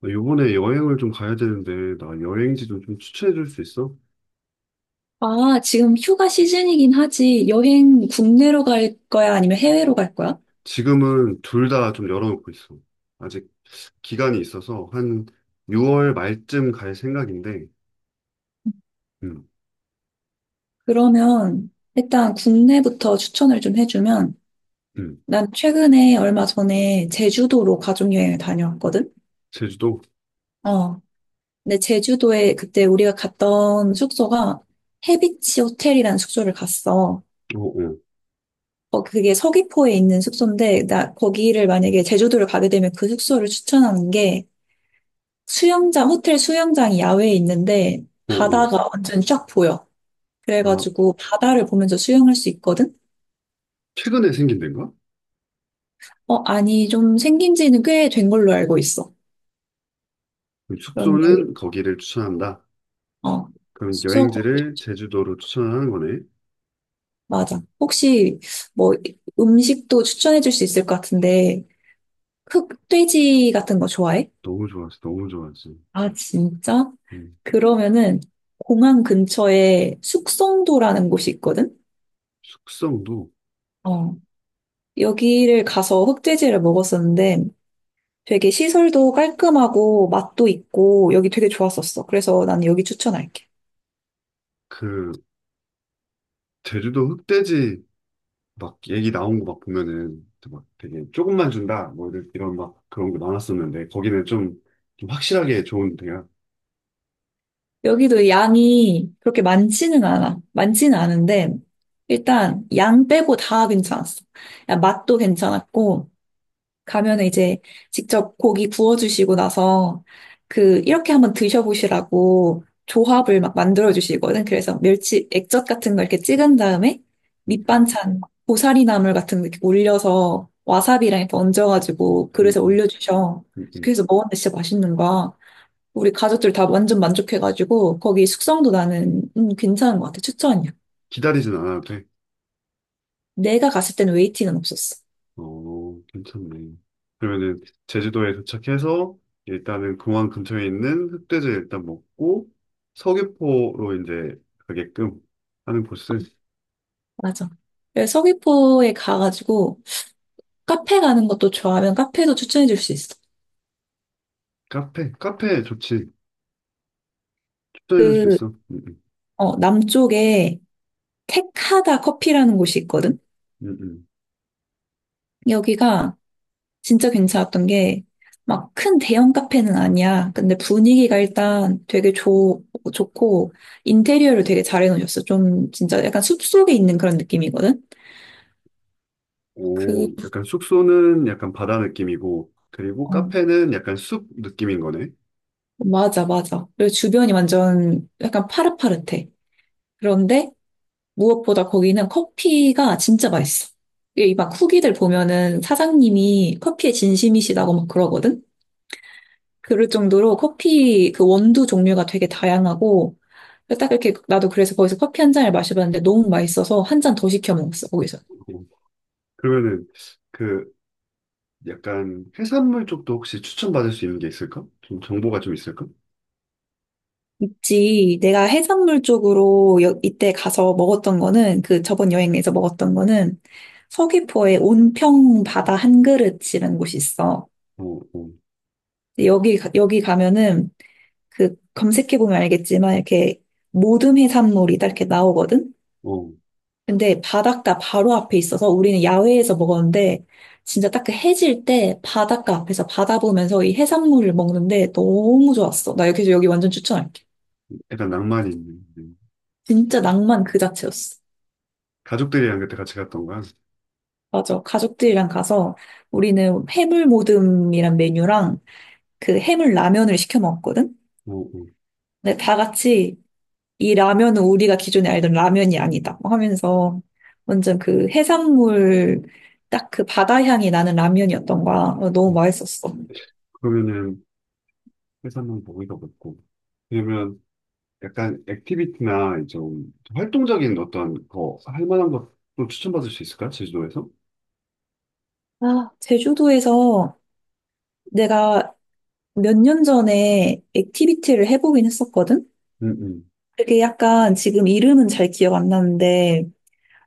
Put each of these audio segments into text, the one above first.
나 요번에 여행을 좀 가야 되는데, 나 여행지 좀, 좀 추천해 줄 수 있어? 아, 지금 휴가 시즌이긴 하지. 여행 국내로 갈 거야? 아니면 해외로 갈 거야? 지금은 둘 다 좀 열어놓고 있어. 아직 기간이 있어서 한 6월 말쯤 갈 생각인데, 음, 그러면 일단 국내부터 추천을 좀 해주면 음, 난 최근에 얼마 전에 제주도로 가족여행을 다녀왔거든? 제주도? 어. 근데 제주도에 그때 우리가 갔던 숙소가 해비치 호텔이라는 숙소를 갔어. 오, 오, 그게 서귀포에 있는 숙소인데 나 거기를 만약에 제주도를 가게 되면 그 숙소를 추천하는 게 수영장, 호텔 수영장이 야외에 있는데 오, 오. 바다가 완전 쫙 보여. 아, 그래가지고 바다를 보면서 수영할 수 있거든? 최근에 생긴 데인가? 어, 아니, 좀 생긴 지는 꽤 된 걸로 알고 있어. 그럼 그런데, 숙소는 거기를 추천한다. 어, 그럼 숙소, 거- 여행지를 제주도로 추천하는 거네. 맞아. 혹시 뭐 음식도 추천해 줄 수 있을 것 같은데, 흑돼지 같은 거 좋아해? 너무 좋았어, 너무 좋았어. 아, 진짜? 음, 그러면은 공항 근처에 숙성도라는 곳이 있거든? 숙성도. 어, 여기를 가서 흑돼지를 먹었었는데, 되게 시설도 깔끔하고 맛도 있고 여기 되게 좋았었어. 그래서 나는 여기 추천할게. 그, 제주도 흑돼지 막 얘기 나온 거 막 보면은 막 되게 조금만 준다 뭐 이런, 이런 막 그런 거 나왔었는데 거기는 좀, 좀 확실하게 좋은 데야. 여기도 양이 그렇게 많지는 않아. 많지는 않은데, 일단 양 빼고 다 괜찮았어. 야, 맛도 괜찮았고, 가면은 이제 직접 고기 구워주시고 나서, 이렇게 한번 드셔보시라고 조합을 막 만들어주시거든. 그래서 멸치 액젓 같은 걸 이렇게 찍은 다음에, 음, 음, 밑반찬 고사리 나물 같은 거 이렇게 올려서 와사비랑 이렇게 얹어가지고 음, 그릇에 음, 올려주셔. 음, 음. 그래서 먹었는데 진짜 맛있는 거야. 우리 가족들 다 완전 만족해가지고 거기 숙성도 나는 괜찮은 것 같아. 추천이야. 기다리진 않아도 돼. 내가 갔을 때는 웨이팅은 없었어. 어, 괜찮네. 그러면은 제주도에 도착해서 일단은 공항 근처에 있는 흑돼지 일단 먹고 서귀포로 이제 가게끔 하는 코스. 맞아. 그래서 서귀포에 가가지고 카페 가는 것도 좋아하면 카페도 추천해 줄 수 있어. 카페 좋지. 추천해줄 수 그, 있어. 남쪽에 택하다 커피라는 곳이 있거든? 음, 음. 여기가 진짜 괜찮았던 게 막 큰 대형 카페는 아니야. 근데 분위기가 일단 되게 좋고 인테리어를 되게 잘 해놓으셨어. 좀 진짜 약간 숲속에 있는 그런 느낌이거든? 그, 오, 약간 숙소는 약간 바다 느낌이고, 그리고 어, 카페는 약간 숲 느낌인 거네. 맞아, 맞아. 그리고 주변이 완전 약간 파릇파릇해. 그런데 무엇보다 거기는 커피가 진짜 맛있어. 이 막 후기들 보면은 사장님이 커피에 진심이시다고 막 그러거든? 그럴 정도로 커피 그 원두 종류가 되게 다양하고, 딱 이렇게 나도 그래서 거기서 커피 한 잔을 마셔봤는데 너무 맛있어서 한 잔 더 시켜 먹었어, 거기서. 오, 그러면은 그 약간 해산물 쪽도 혹시 추천받을 수 있는 게 있을까? 좀 정보가 좀 있을까? 있지. 내가 해산물 쪽으로 이때 가서 먹었던 거는 그 저번 여행에서 먹었던 거는 서귀포에 온평 바다 한 그릇이라는 곳이 있어. 어, 어, 근데 여기 가면은 그 검색해 보면 알겠지만 이렇게 모듬 해산물이 딱 이렇게 나오거든. 어. 근데 바닷가 바로 앞에 있어서 우리는 야외에서 먹었는데 진짜 딱 그 해질 때 바닷가 앞에서 바다 보면서 이 해산물을 먹는데 너무 좋았어. 나 여기서 여기 완전 추천할게. 약간 낭만이 있는. 음. 진짜 낭만 그 자체였어. 가족들이랑 그때 같이 갔던 거야. 맞아. 가족들이랑 가서 우리는 해물 모듬이란 메뉴랑 그 해물 라면을 시켜 먹었거든? 어, 어. 근데 다 같이 이 라면은 우리가 기존에 알던 라면이 아니다 뭐 하면서 완전 그 해산물 딱 그 바다 향이 나는 라면이었던 거야. 너무 음. 맛있었어. 그러면은 해산물 먹이가 먹고. 그러면 약간 액티비티나 좀 활동적인 어떤 거 할 만한 것도 추천받을 수 있을까? 제주도에서? 아, 제주도에서 내가 몇 년 전에 액티비티를 해보긴 했었거든? 응 응. 그게 약간 지금 이름은 잘 기억 안 나는데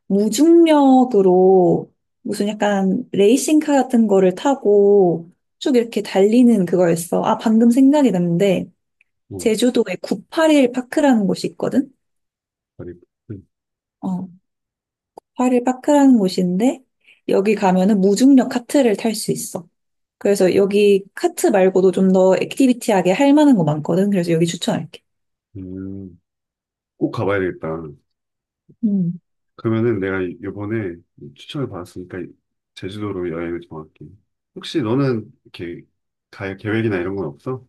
무중력으로 무슨 약간 레이싱카 같은 거를 타고 쭉 이렇게 달리는 그거였어. 아, 방금 생각이 났는데, 어, 제주도에 981 파크라는 곳이 있거든? 그리고 어, 8일 파크라는 곳인데, 여기 가면은 무중력 카트를 탈 수 있어. 그래서 여기 카트 말고도 좀 더 액티비티하게 할 만한 거 많거든. 그래서 여기 추천할게. 음, 꼭 가봐야 되겠다. 음. 그러면은 내가 이- 번에 추천을 받았으니까 제주도로 여행을 정할게. 혹시 너는 이렇게 갈 계획이나 이런 건 없어?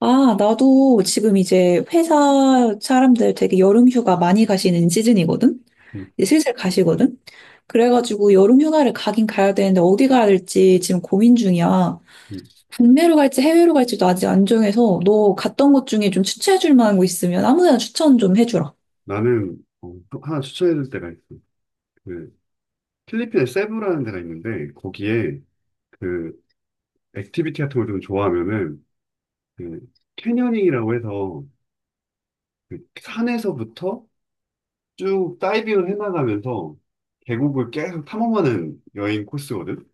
아, 나도 지금 이제 회사 사람들 되게 여름 휴가 많이 가시는 시즌이거든? 음, 이제 슬슬 가시거든? 그래가지고 여름 휴가를 가긴 가야 되는데 어디 가야 될지 지금 고민 중이야. 음. 국내로 갈지 해외로 갈지도 아직 안 정해서 너 갔던 곳 중에 좀 추천해줄 만한 곳 있으면 아무 데나 추천 좀 해주라. 나는 어, 또 하나 추천해줄 데가 있어. 그 필리핀에 세부라는 데가 있는데 거기에 그 액티비티 같은 걸 좀 좋아하면은 그 캐녀닝이라고 해서 그 산에서부터 쭉 다이빙을 해나가면서 계곡을 계속 탐험하는 여행 코스거든.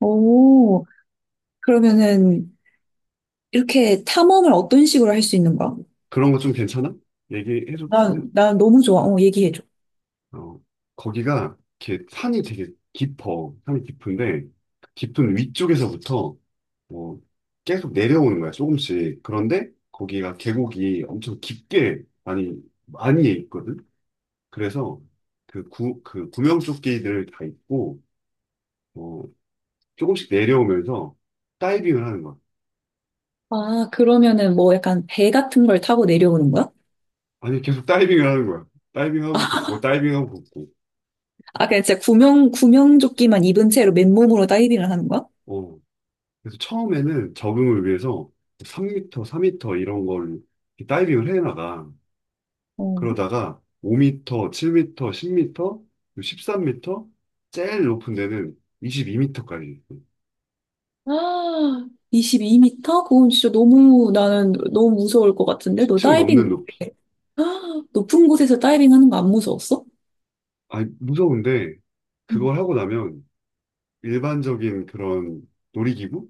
오, 그러면은 이렇게 탐험을 어떤 식으로 할 수 있는 거야? 그런 거 좀 괜찮아? 얘기해줘. 난 너무 좋아. 어, 얘기해줘. 어, 거기가 이렇게 산이 되게 깊어. 산이 깊은데, 그 깊은 위쪽에서부터 뭐 계속 내려오는 거야, 조금씩. 그런데 거기가 계곡이 엄청 깊게 많이, 많이 있거든? 그래서 그 구, 그 구명조끼들 다 입고, 어, 조금씩 내려오면서 다이빙을 하는 거야. 아, 그러면은 뭐 약간 배 같은 걸 타고 내려오는 거야? 아니, 계속 다이빙을 하는 거야. 다이빙하고 걷고, 다이빙하고 걷고. 아, 그냥 진짜 구명, 구명조끼만 입은 채로 맨몸으로 다이빙을 하는 거야? 어. 그래서 처음에는 적응을 위해서 3미터, 4미터 이런 걸 다이빙을 해나가. 어. 그러다가 5미터, 7미터, 10미터, 13미터, 제일 높은 데는 22미터까지. 아, 2 2터 그건 진짜 너무 나는 너무 무서울 것 같은데? 너 10층 넘는 다이빙, 높이. 아, 높은 곳에서 다이빙 하는 거 안 무서웠어? 아, 무서운데 응. 그걸 하고 나면 일반적인 그런 놀이기구가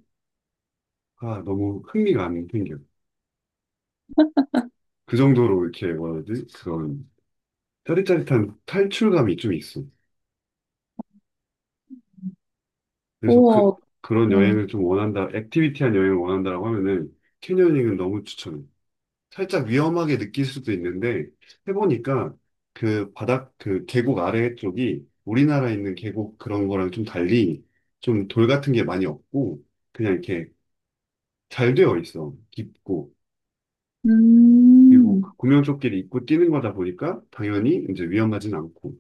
너무 흥미가 안 생겨. 그 정도로 이렇게 뭐라 해야 되지? 그런 짜릿짜릿한 탈출감이 좀 있어. 그래서 그, 우와. 그런 음. 여행을 좀 원한다, 액티비티한 여행을 원한다라고 하면은 캐녀닝은 너무 추천해. 살짝 위험하게 느낄 수도 있는데 해보니까 그 바닥, 그 계곡 아래 쪽이 우리나라에 있는 계곡 그런 거랑 좀 달리 좀 돌 같은 게 많이 없고 그냥 이렇게 잘 되어 있어. 깊고. 그리고 그 음. 구명조끼를 입고 뛰는 거다 보니까 당연히 이제 위험하진 않고.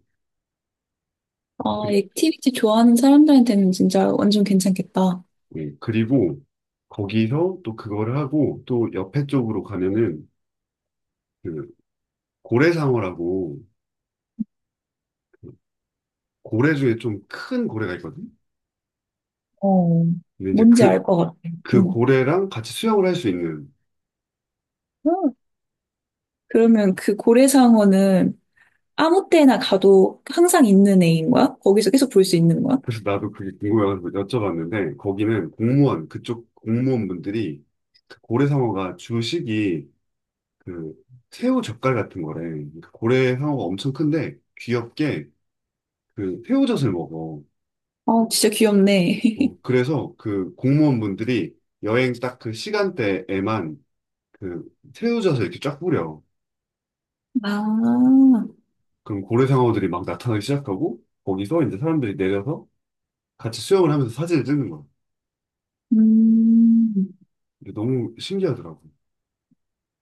아, 그리, 액티비티 좋아하는 사람들한테는 진짜 완전 괜찮겠다. 예, 그리고 거기서 또 그거를 하고 또 옆에 쪽으로 가면은 그 고래상어라고 그 고래 중에 좀 큰 고래가 있거든. 어. 근데 이제 뭔지 그, 알 것 같아. 그 응. 고래랑 같이 수영을 할 수 있는. 응. 그러면 그 고래상어는 아무 때나 가도 항상 있는 애인 거야? 거기서 계속 볼 수 있는 거야? 그래서 나도 그게 궁금해가지고 여쭤봤는데 거기는 공무원 그쪽 공무원분들이 그 고래상어가 주식이 그 새우 젓갈 같은 거래. 그러니까 고래상어가 엄청 큰데 귀엽게 그 새우젓을 먹어. 아, 진짜 귀엽네. 어, 그래서 그 공무원분들이 여행 딱 그 시간대에만 그 새우젓을 이렇게 쫙 뿌려. 아, 그럼 고래 상어들이 막 나타나기 시작하고 거기서 이제 사람들이 내려서 같이 수영을 하면서 사진을 찍는 거야. 음. 이게 너무 신기하더라고.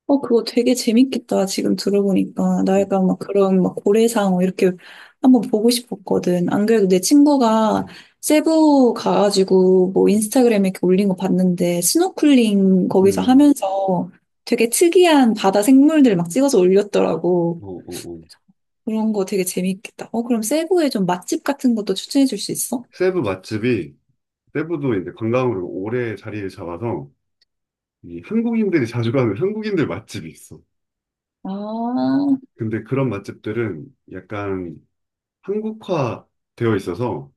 그거 되게 재밌겠다. 지금 들어보니까. 나 음, 약간 막 그런 막 고래상어 이렇게 한번 보고 싶었거든. 안 그래도 내 친구가 세부 가가지고 뭐 인스타그램에 이렇게 올린 거 봤는데 스노클링 거기서 음, 하면서 되게 특이한 바다 생물들 막 찍어서 올렸더라고. 어, 어, 어. 그런 거 되게 재밌겠다. 그럼 세부에 좀 맛집 같은 것도 추천해 줄 수 있어? 세부 맛집이 세부도 이제 관광으로 오래 자리를 잡아서 이 한국인들이 자주 가는 한국인들 맛집이 있어. 아, 근데 그런 맛집들은 약간 한국화 되어 있어서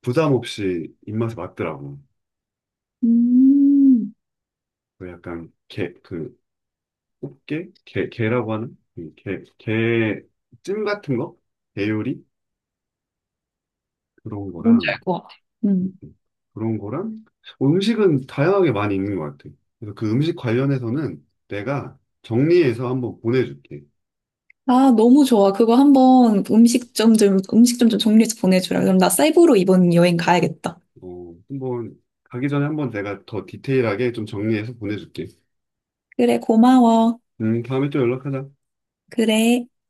부담 없이 입맛에 맞더라고. 음, 그 약간 게, 그 꽃게, 게, 게라고 하는 이 게, 게찜 같은 거, 게 요리 그런 뭔지 거랑, 알 것 같아. 그런 거랑, 음식은 다양하게 많이 있는 것 같아. 그래서 그 음식 관련해서는 내가 정리해서 한번 보내줄게. 아, 너무 좋아. 그거 한번 음식점 좀 정리해서 보내주라. 그럼 나 사이로 이번 여행 가야겠다. 어, 한번, 가기 전에 한번 내가 더 디테일하게 좀 정리해서 보내줄게. 그래, 고마워. 다음에 또 연락하자. 그래.